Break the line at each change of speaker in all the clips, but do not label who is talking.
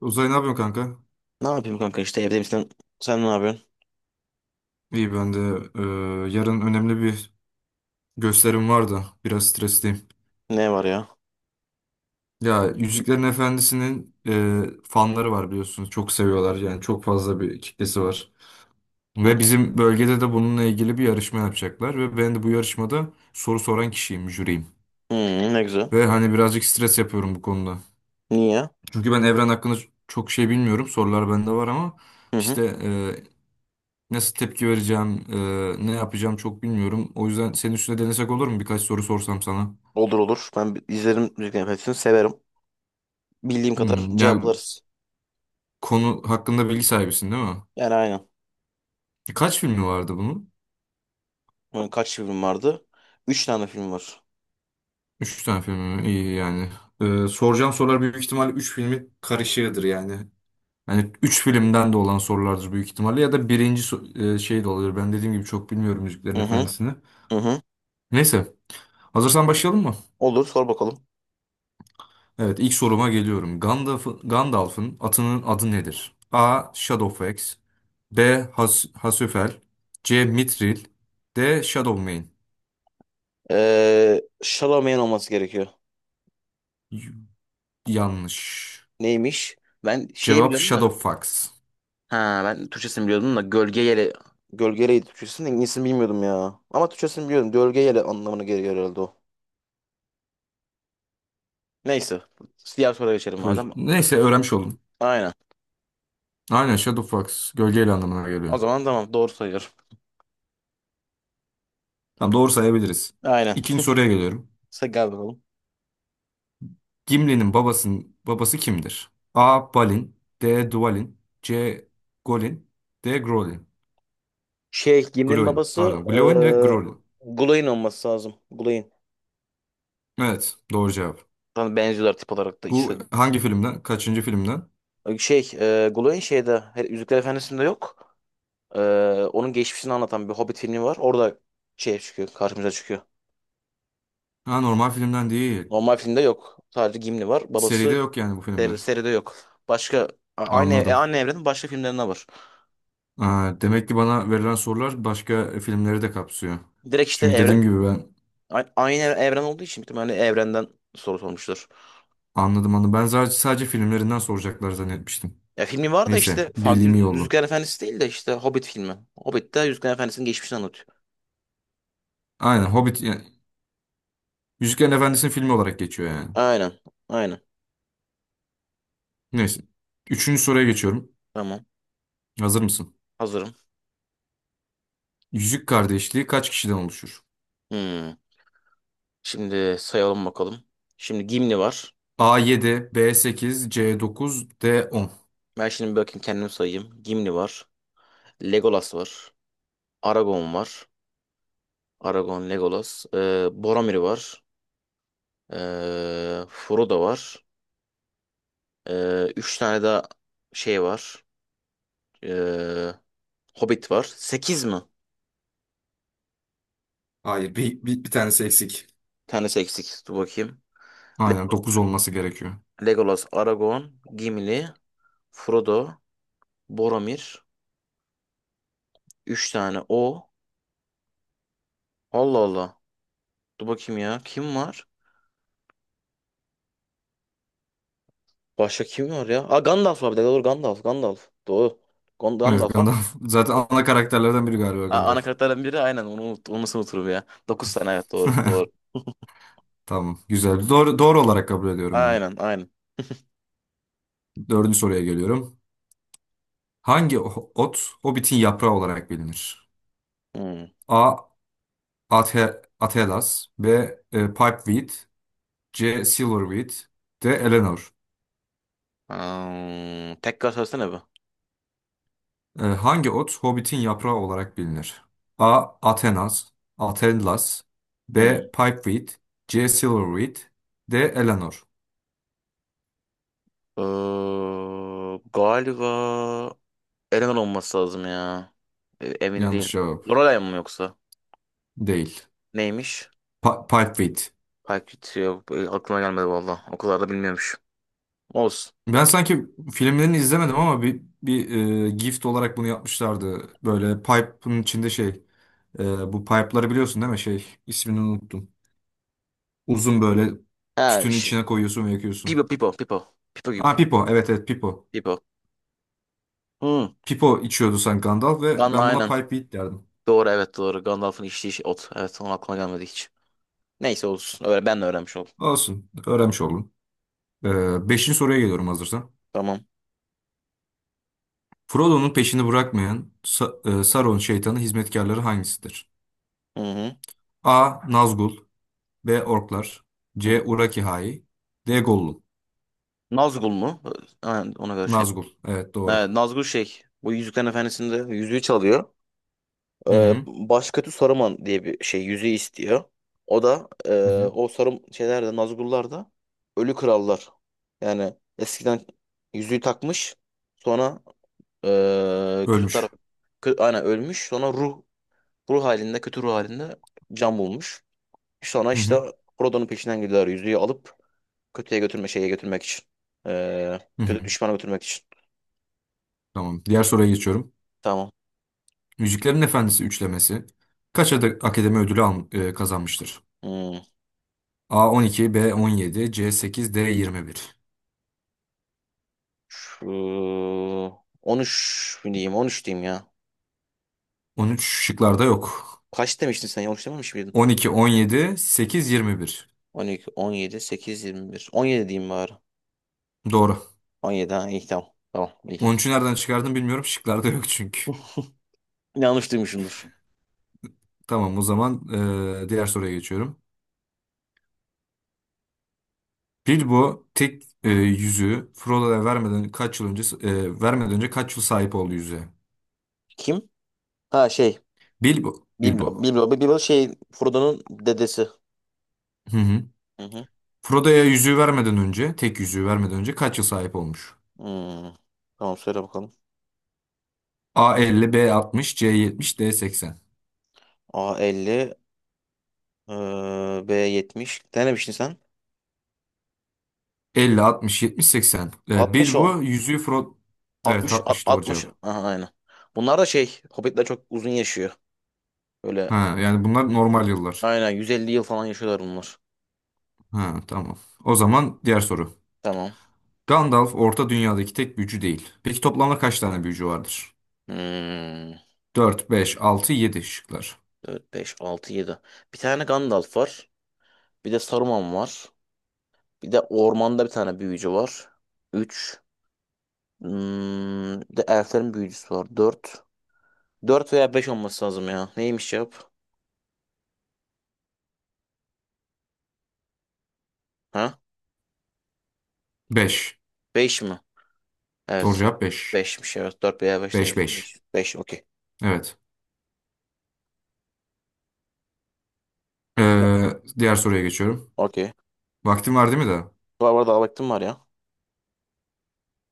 Uzay ne yapıyorsun kanka?
Ne yapayım kanka işte evde misin? Sen ne yapıyorsun?
İyi ben de, e, yarın önemli bir gösterim var da biraz stresliyim.
Ne var ya?
Ya Yüzüklerin Efendisi'nin fanları var, biliyorsunuz. Çok seviyorlar, yani çok fazla bir kitlesi var.
Hı,
Ve bizim bölgede de bununla ilgili bir yarışma yapacaklar. Ve ben de bu yarışmada soru soran kişiyim, jüriyim.
hı, ne güzel.
Ve hani birazcık stres yapıyorum bu konuda.
Niye?
Çünkü ben evren hakkında çok şey bilmiyorum. Sorular bende var ama
Hı hı.
işte. Nasıl tepki vereceğim, ne yapacağım çok bilmiyorum. O yüzden senin üstüne denesek olur mu? Birkaç soru sorsam sana.
Olur olur. Ben izlerim müzik hepsini severim. Bildiğim kadar tamam.
Ya
Cevaplarız.
konu hakkında bilgi sahibisin, değil mi?
Yani aynen.
Kaç filmi vardı bunun?
Bunun kaç film vardı? Üç tane film var.
Üç tane filmi mi? İyi yani. Soracağım sorular büyük ihtimalle üç filmi karışığıdır yani. Yani üç filmden de olan sorulardır büyük ihtimalle. Ya da birinci şey de olabilir. Ben dediğim gibi çok bilmiyorum Yüzüklerin
Hı hı.
Efendisi'ni.
Hı hı.
Neyse. Hazırsan başlayalım mı?
Olur sor bakalım.
Evet, ilk soruma geliyorum. Gandalf'ın atının adı nedir? A. Shadowfax, B. Hasüfel, C. Mithril, D. Shadowmane.
Chalamet'in olması gerekiyor.
Y- Yanlış.
Neymiş? Ben şeyi
Cevap
biliyorum da.
Shadowfax.
Ha ben Türkçesini biliyordum da Gölge Yele. Gölge Yele'ydi Türkçesini. İngilizcesini bilmiyordum ya. Ama Türkçesini biliyorum. Gölge Yele anlamına geliyor herhalde o. Neyse. Diğer soruya geçelim madem.
Neyse, öğrenmiş oldum.
Aynen.
Aynen, Shadowfax gölgeyle anlamına geliyor.
O zaman tamam doğru sayıyorum.
Tamam, doğru sayabiliriz.
Aynen.
İkinci soruya geliyorum.
Sen gel bakalım.
Gimli'nin babasının babası kimdir? A. Balin, D. Dwalin, C. Golin, D. Grolin.
Şey Gimli'nin
Gloin
babası
pardon. Gloin ve Grolin.
Gulay'ın olması lazım. Gulay'ın.
Evet, doğru cevap.
Zaten benziyorlar tip olarak da ikisi.
Bu hangi filmden? Kaçıncı filmden?
Şey Gulay'ın şeyde Yüzükler Efendisi'nde yok. E, Onun geçmişini anlatan bir Hobbit filmi var. Orada şey çıkıyor karşımıza çıkıyor.
Ha, normal filmden değil.
Normal filmde yok. Sadece Gimli var.
Seride
Babası
yok yani bu filmler.
seride yok. Başka a- aynı e,
Anladım.
aynı evrenin başka filmlerinde var.
Ha, demek ki bana verilen sorular başka filmleri de kapsıyor.
Direkt işte
Çünkü
evren,
dediğim gibi ben
Aynı evren olduğu için bir tane evrenden soru sormuştur.
anladım anladım. Ben sadece filmlerinden soracaklar zannetmiştim.
Ya filmi var da
Neyse,
işte farklı
bildiğim iyi oldu.
Yüzüklerin Efendisi değil de işte Hobbit filmi. Hobbit'te Yüzüklerin Efendisi'nin geçmişini anlatıyor.
Aynen Hobbit yani, Yüzüklerin Efendisi'nin filmi olarak geçiyor yani.
Aynen. Aynen.
Neyse. Üçüncü soruya geçiyorum.
Tamam.
Hazır mısın?
Hazırım.
Yüzük Kardeşliği kaç kişiden oluşur?
Hmm. Şimdi sayalım bakalım. Şimdi Gimli var.
A yedi, B sekiz, C dokuz, D 10.
Ben şimdi bir bakayım kendim sayayım. Gimli var. Legolas var. Aragorn var. Aragorn, Legolas. Boromir var. Frodo var. Üç tane daha şey var. Ee, Hobbit var. Sekiz mi?
Hayır, bir tanesi eksik.
Tanesi eksik. Dur bakayım. Le-
Aynen, 9 olması gerekiyor.
Legolas, Aragorn, Gimli, Frodo, Boromir. Üç tane o. Allah Allah. Dur bakayım ya. Kim var? Başka kim var ya? Aa Gandalf var bir de. Doğru Gandalf. Gandalf. Doğru.
Evet,
Gandalf var.
Gandalf. Zaten
Dok-
ana karakterlerden biri galiba
ana
Gandalf.
karakterden biri aynen. Onu unut onu nasıl unuturum ya. Dokuz tane evet doğru. Doğru.
Tamam. Güzel. Doğru olarak kabul ediyorum bunu.
Aynen aynen.
Dördüncü soruya geliyorum. Hangi ot Hobbit'in yaprağı olarak bilinir?
Hmm.
A. Atelas, B. Pipeweed, C. Silverweed, D. Eleanor.
Hmm. Tekrar söylesene bir.
Hangi ot Hobbit'in yaprağı olarak bilinir? A. Atelas, B.
Hmm.
Pipeweed, C. Silverweed, D. Eleanor.
Galiba eleman olması lazım ya. Emin değilim.
Yanlış cevap.
Lorelai mı yoksa?
Değil.
Neymiş?
Pulpfit.
Payküt yok. Aklıma gelmedi valla. O kadar da bilmiyormuş. Olsun.
Ben sanki filmlerini izlemedim ama bir gift olarak bunu yapmışlardı. Böyle pipe'ın içinde şey, bu pipe'ları biliyorsun, değil mi? Şey, ismini unuttum. Uzun böyle,
He,
tütünü
şi-
içine koyuyorsun ve
Pipo,
yakıyorsun.
Pipo, Pipo. Pipo gibi.
Ha, Pipo. Evet, evet, Pipo.
Pipo. Hı.
Pipo içiyordu sanki Gandalf ve
Gun
ben buna
aynen.
Pipewheat derdim.
Doğru evet doğru. Gandalf'ın içtiği şey ot. Evet onun aklıma gelmedi hiç. Neyse olsun. Öyle ben de öğrenmiş oldum.
Olsun. Öğrenmiş oldum. Beşinci soruya geliyorum hazırsan.
Tamam.
Frodo'nun peşini bırakmayan Sauron şeytanı hizmetkarları hangisidir?
Hı hı.
A. Nazgul, B. Orklar,
Hı hı.
C. Urakihai, D. Gollum.
Nazgul mu? Ha, ona göre şey.
Nazgul. Evet, doğru.
Evet, Nazgul şey. Bu Yüzüklerin Efendisi'nde yüzüğü çalıyor.
Hı hı.
Başkötü Saruman diye bir şey yüzüğü istiyor. O da
Hı hı.
o Sarum şeylerde Nazgullar da ölü krallar. Yani eskiden yüzüğü takmış sonra kötü taraf
Ölmüş.
aynen ölmüş sonra ruh halinde kötü ruh halinde can bulmuş. Sonra
Hı
işte
hı.
Frodo'nun peşinden gidiyorlar yüzüğü alıp kötüye götürme şeye götürmek için. E,
Hı
Kötü
hı.
düşmana götürmek için.
Tamam. Diğer soruya geçiyorum.
Tamam.
Yüzüklerin Efendisi üçlemesi kaç adet akademi ödülü kazanmıştır?
Hmm.
A 12, B 17, C 8, D 21.
Şu 13 diyeyim 13 diyeyim ya.
Üç şıklarda yok.
Kaç demiştin sen? Yanlış dememiş miydin?
12, 17, 8, 21.
12, 17, 8, 21. 17 diyeyim bari.
Doğru.
17 ha iyi tamam. Tamam iyi.
13'ü nereden çıkardım bilmiyorum. Şıklarda yok çünkü.
Yanlış duymuşumdur.
Tamam, o zaman diğer soruya geçiyorum. Bilbo tek yüzüğü Frodo'ya vermeden kaç yıl önce, vermeden önce kaç yıl sahip oldu yüzüğe?
Kim? Ha şey.
Bilbo
Biblo.
Bilbo.
Biblo. Biblo şey Frodo'nun dedesi.
Hı hı.
Hı hı.
Frodo'ya yüzüğü vermeden önce, tek yüzüğü vermeden önce kaç yıl sahip olmuş?
Hmm. Tamam söyle bakalım.
A 50, B 60, C 70, D 80.
A 50, B 70. Ne demiştin sen?
50, 60, 70, 80. E,
60 o.
Bilbo yüzüğü Frodo. Evet,
60
60 doğru
60.
cevap.
Aha aynen. Bunlar da şey Hobbitler çok uzun yaşıyor. Böyle
Ha, yani bunlar normal yıllar.
aynen 150 yıl falan yaşıyorlar bunlar.
Ha, tamam. O zaman diğer soru.
Tamam.
Gandalf Orta Dünya'daki tek büyücü değil. Peki toplamda kaç tane büyücü vardır?
Hmm.
4, 5, 6, 7 şıklar.
Dört 5 6 yedi. Bir tane Gandalf var. Bir de Saruman var. Bir de ormanda bir tane büyücü var. Üç. Bir de elflerin büyücüsü var. Dört. Dört veya 5 olması lazım ya. Neymiş cevap? Ha?
Beş.
Beş mi?
Doğru
Evet.
cevap 5,
Beşmiş evet. Dört veya beş
5
demiştim.
5.
Beş 5 okey.
Evet.
Ya,
Ee, Diğer soruya geçiyorum.
okey.
Vaktim var değil mi de?
Var var daha vaktim var ya.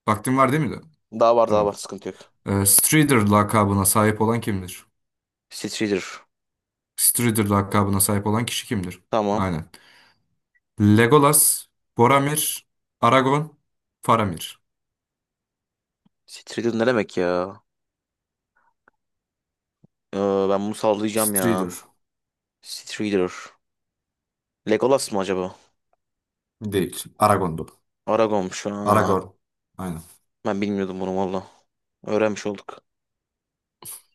Vaktim var değil mi de?
Daha var daha var
Tamam.
sıkıntı yok.
Strider lakabına sahip olan kimdir?
Strider.
Strider lakabına sahip olan kişi kimdir?
Tamam.
Aynen. Legolas, Boromir, Aragon, Faramir.
Strider ne demek ya? Ee, Ben bunu sallayacağım ya.
Strider
Strider. Legolas mı acaba?
değil. Aragon'du.
Aragorn'muş. Aa,
Aragorn. Aynen.
ben bilmiyordum bunu valla. Öğrenmiş olduk.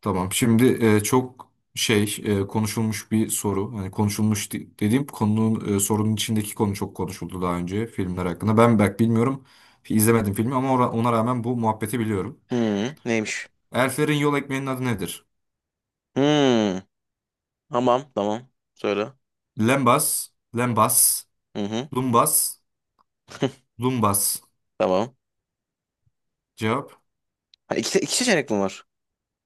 Tamam. Şimdi konuşulmuş bir soru. Hani konuşulmuş dediğim konunun, sorunun içindeki konu çok konuşuldu daha önce filmler hakkında. Ben belki bilmiyorum. İzlemedim filmi ama ona rağmen bu muhabbeti biliyorum.
Hı, neymiş?
Elflerin yol ekmeğinin adı nedir?
Hı, tamam tamam. Söyle.
Lembas, lembas,
Hı hı.
lumbas, lumbas.
Tamam.
Cevap?
Ha, iki seçenek mi var?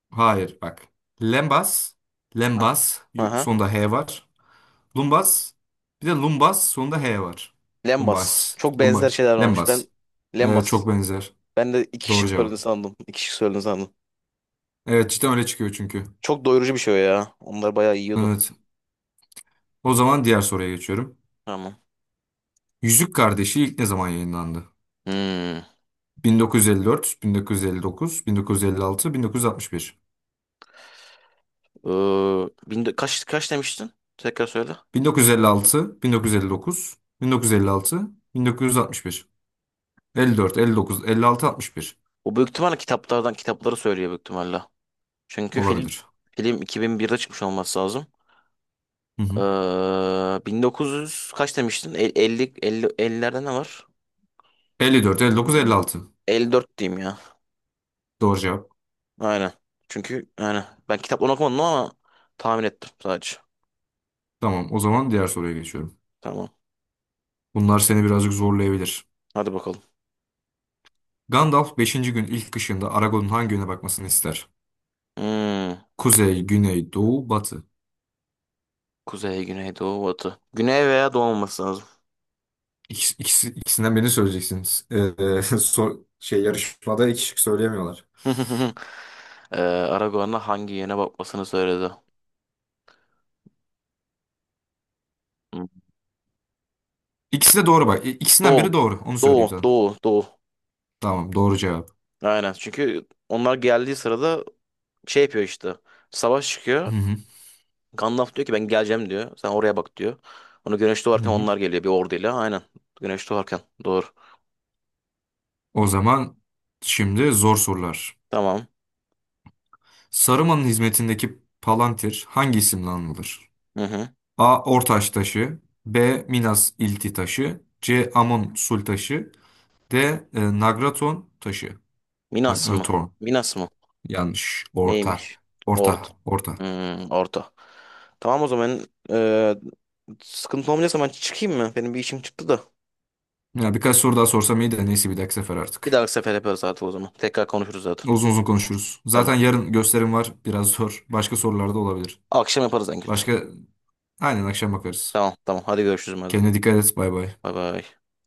Hayır bak. Lembas,
Ha.
lembas,
Aha.
sonunda H var. Lumbas, bir de lumbas sonunda H var.
Lembas.
Lumbas,
Çok benzer
lumbas,
şeyler varmış. Ben
lembas. E,
Lembas.
çok benzer.
Ben de iki
Doğru
şık
cevap.
söylediğini sandım. İki şık söylediğini sandım.
Evet, cidden öyle çıkıyor çünkü.
Çok doyurucu bir şey o ya. Onlar bayağı yiyordu.
Evet. O zaman diğer soruya geçiyorum.
Tamam.
Yüzük Kardeşi ilk ne zaman yayınlandı?
Hmm.
1954, 1959, 1956, 1961.
Ee, kaç demiştin? Tekrar söyle.
1956, 1959, 1956, 1961. 54, 59, 56, 61.
O büyük ihtimalle kitaplardan kitapları söylüyor büyük ihtimalle. Çünkü film
Olabilir.
film 2001'de çıkmış olması lazım.
Hı hı.
1900 kaç demiştin? 50 50 50'lerde ne var?
54, 59, 56.
54 diyeyim ya.
Doğru cevap.
Aynen. Çünkü yani ben kitaplarını okumadım ama tahmin ettim sadece.
Tamam, o zaman diğer soruya geçiyorum.
Tamam.
Bunlar seni birazcık zorlayabilir.
Hadi bakalım.
Gandalf beşinci gün ilk kışında Aragorn'un hangi yöne bakmasını ister?
Hmm.
Kuzey, güney, doğu, batı.
Kuzey, güney, doğu, batı. Güney veya doğu olması lazım.
İkisi, ikisi- ikisinden birini söyleyeceksiniz. Şey, yarışmada iki şık söyleyemiyorlar.
Aragorn'a hangi yöne bakmasını söyledi? Hmm.
İkisi de doğru bak. İkisinden biri
Doğu.
doğru. Onu söyleyeyim
Doğu,
sana.
doğu, doğu.
Tamam, doğru cevap.
Aynen. Çünkü onlar geldiği sırada şey yapıyor işte. Savaş çıkıyor.
Hı hı,
Gandalf diyor ki ben geleceğim diyor. Sen oraya bak diyor. Onu güneş
hı
doğarken
hı.
onlar geliyor bir orduyla. Aynen. Güneş doğarken. Doğru.
O zaman şimdi zor sorular.
Tamam.
Saruman'ın hizmetindeki Palantir hangi isimle anılır?
Hı hı.
A. Ortaş taşı, B. Minas İlti taşı, C. Amon Sul taşı, D. Nagraton taşı.
Minas mı?
Nagraton.
Minas mı?
Yanlış. Orta.
Neymiş?
Orta.
Orta.
Orta.
Orta. Tamam o zaman eee, sıkıntı olmayacaksa ben çıkayım mı? Benim bir işim çıktı da.
Ya birkaç soru daha sorsam iyi de neyse, bir dahaki sefer
Bir
artık.
dahaki sefer yaparız zaten o zaman. Tekrar konuşuruz zaten.
Uzun uzun konuşuruz. Zaten
Tamam.
yarın gösterim var. Biraz zor. Başka sorular da olabilir.
Akşam yaparız en kötü.
Başka, aynen, akşam bakarız.
Tamam tamam. Hadi görüşürüz madem.
Kendine dikkat et. Bay bay.
Bay bay.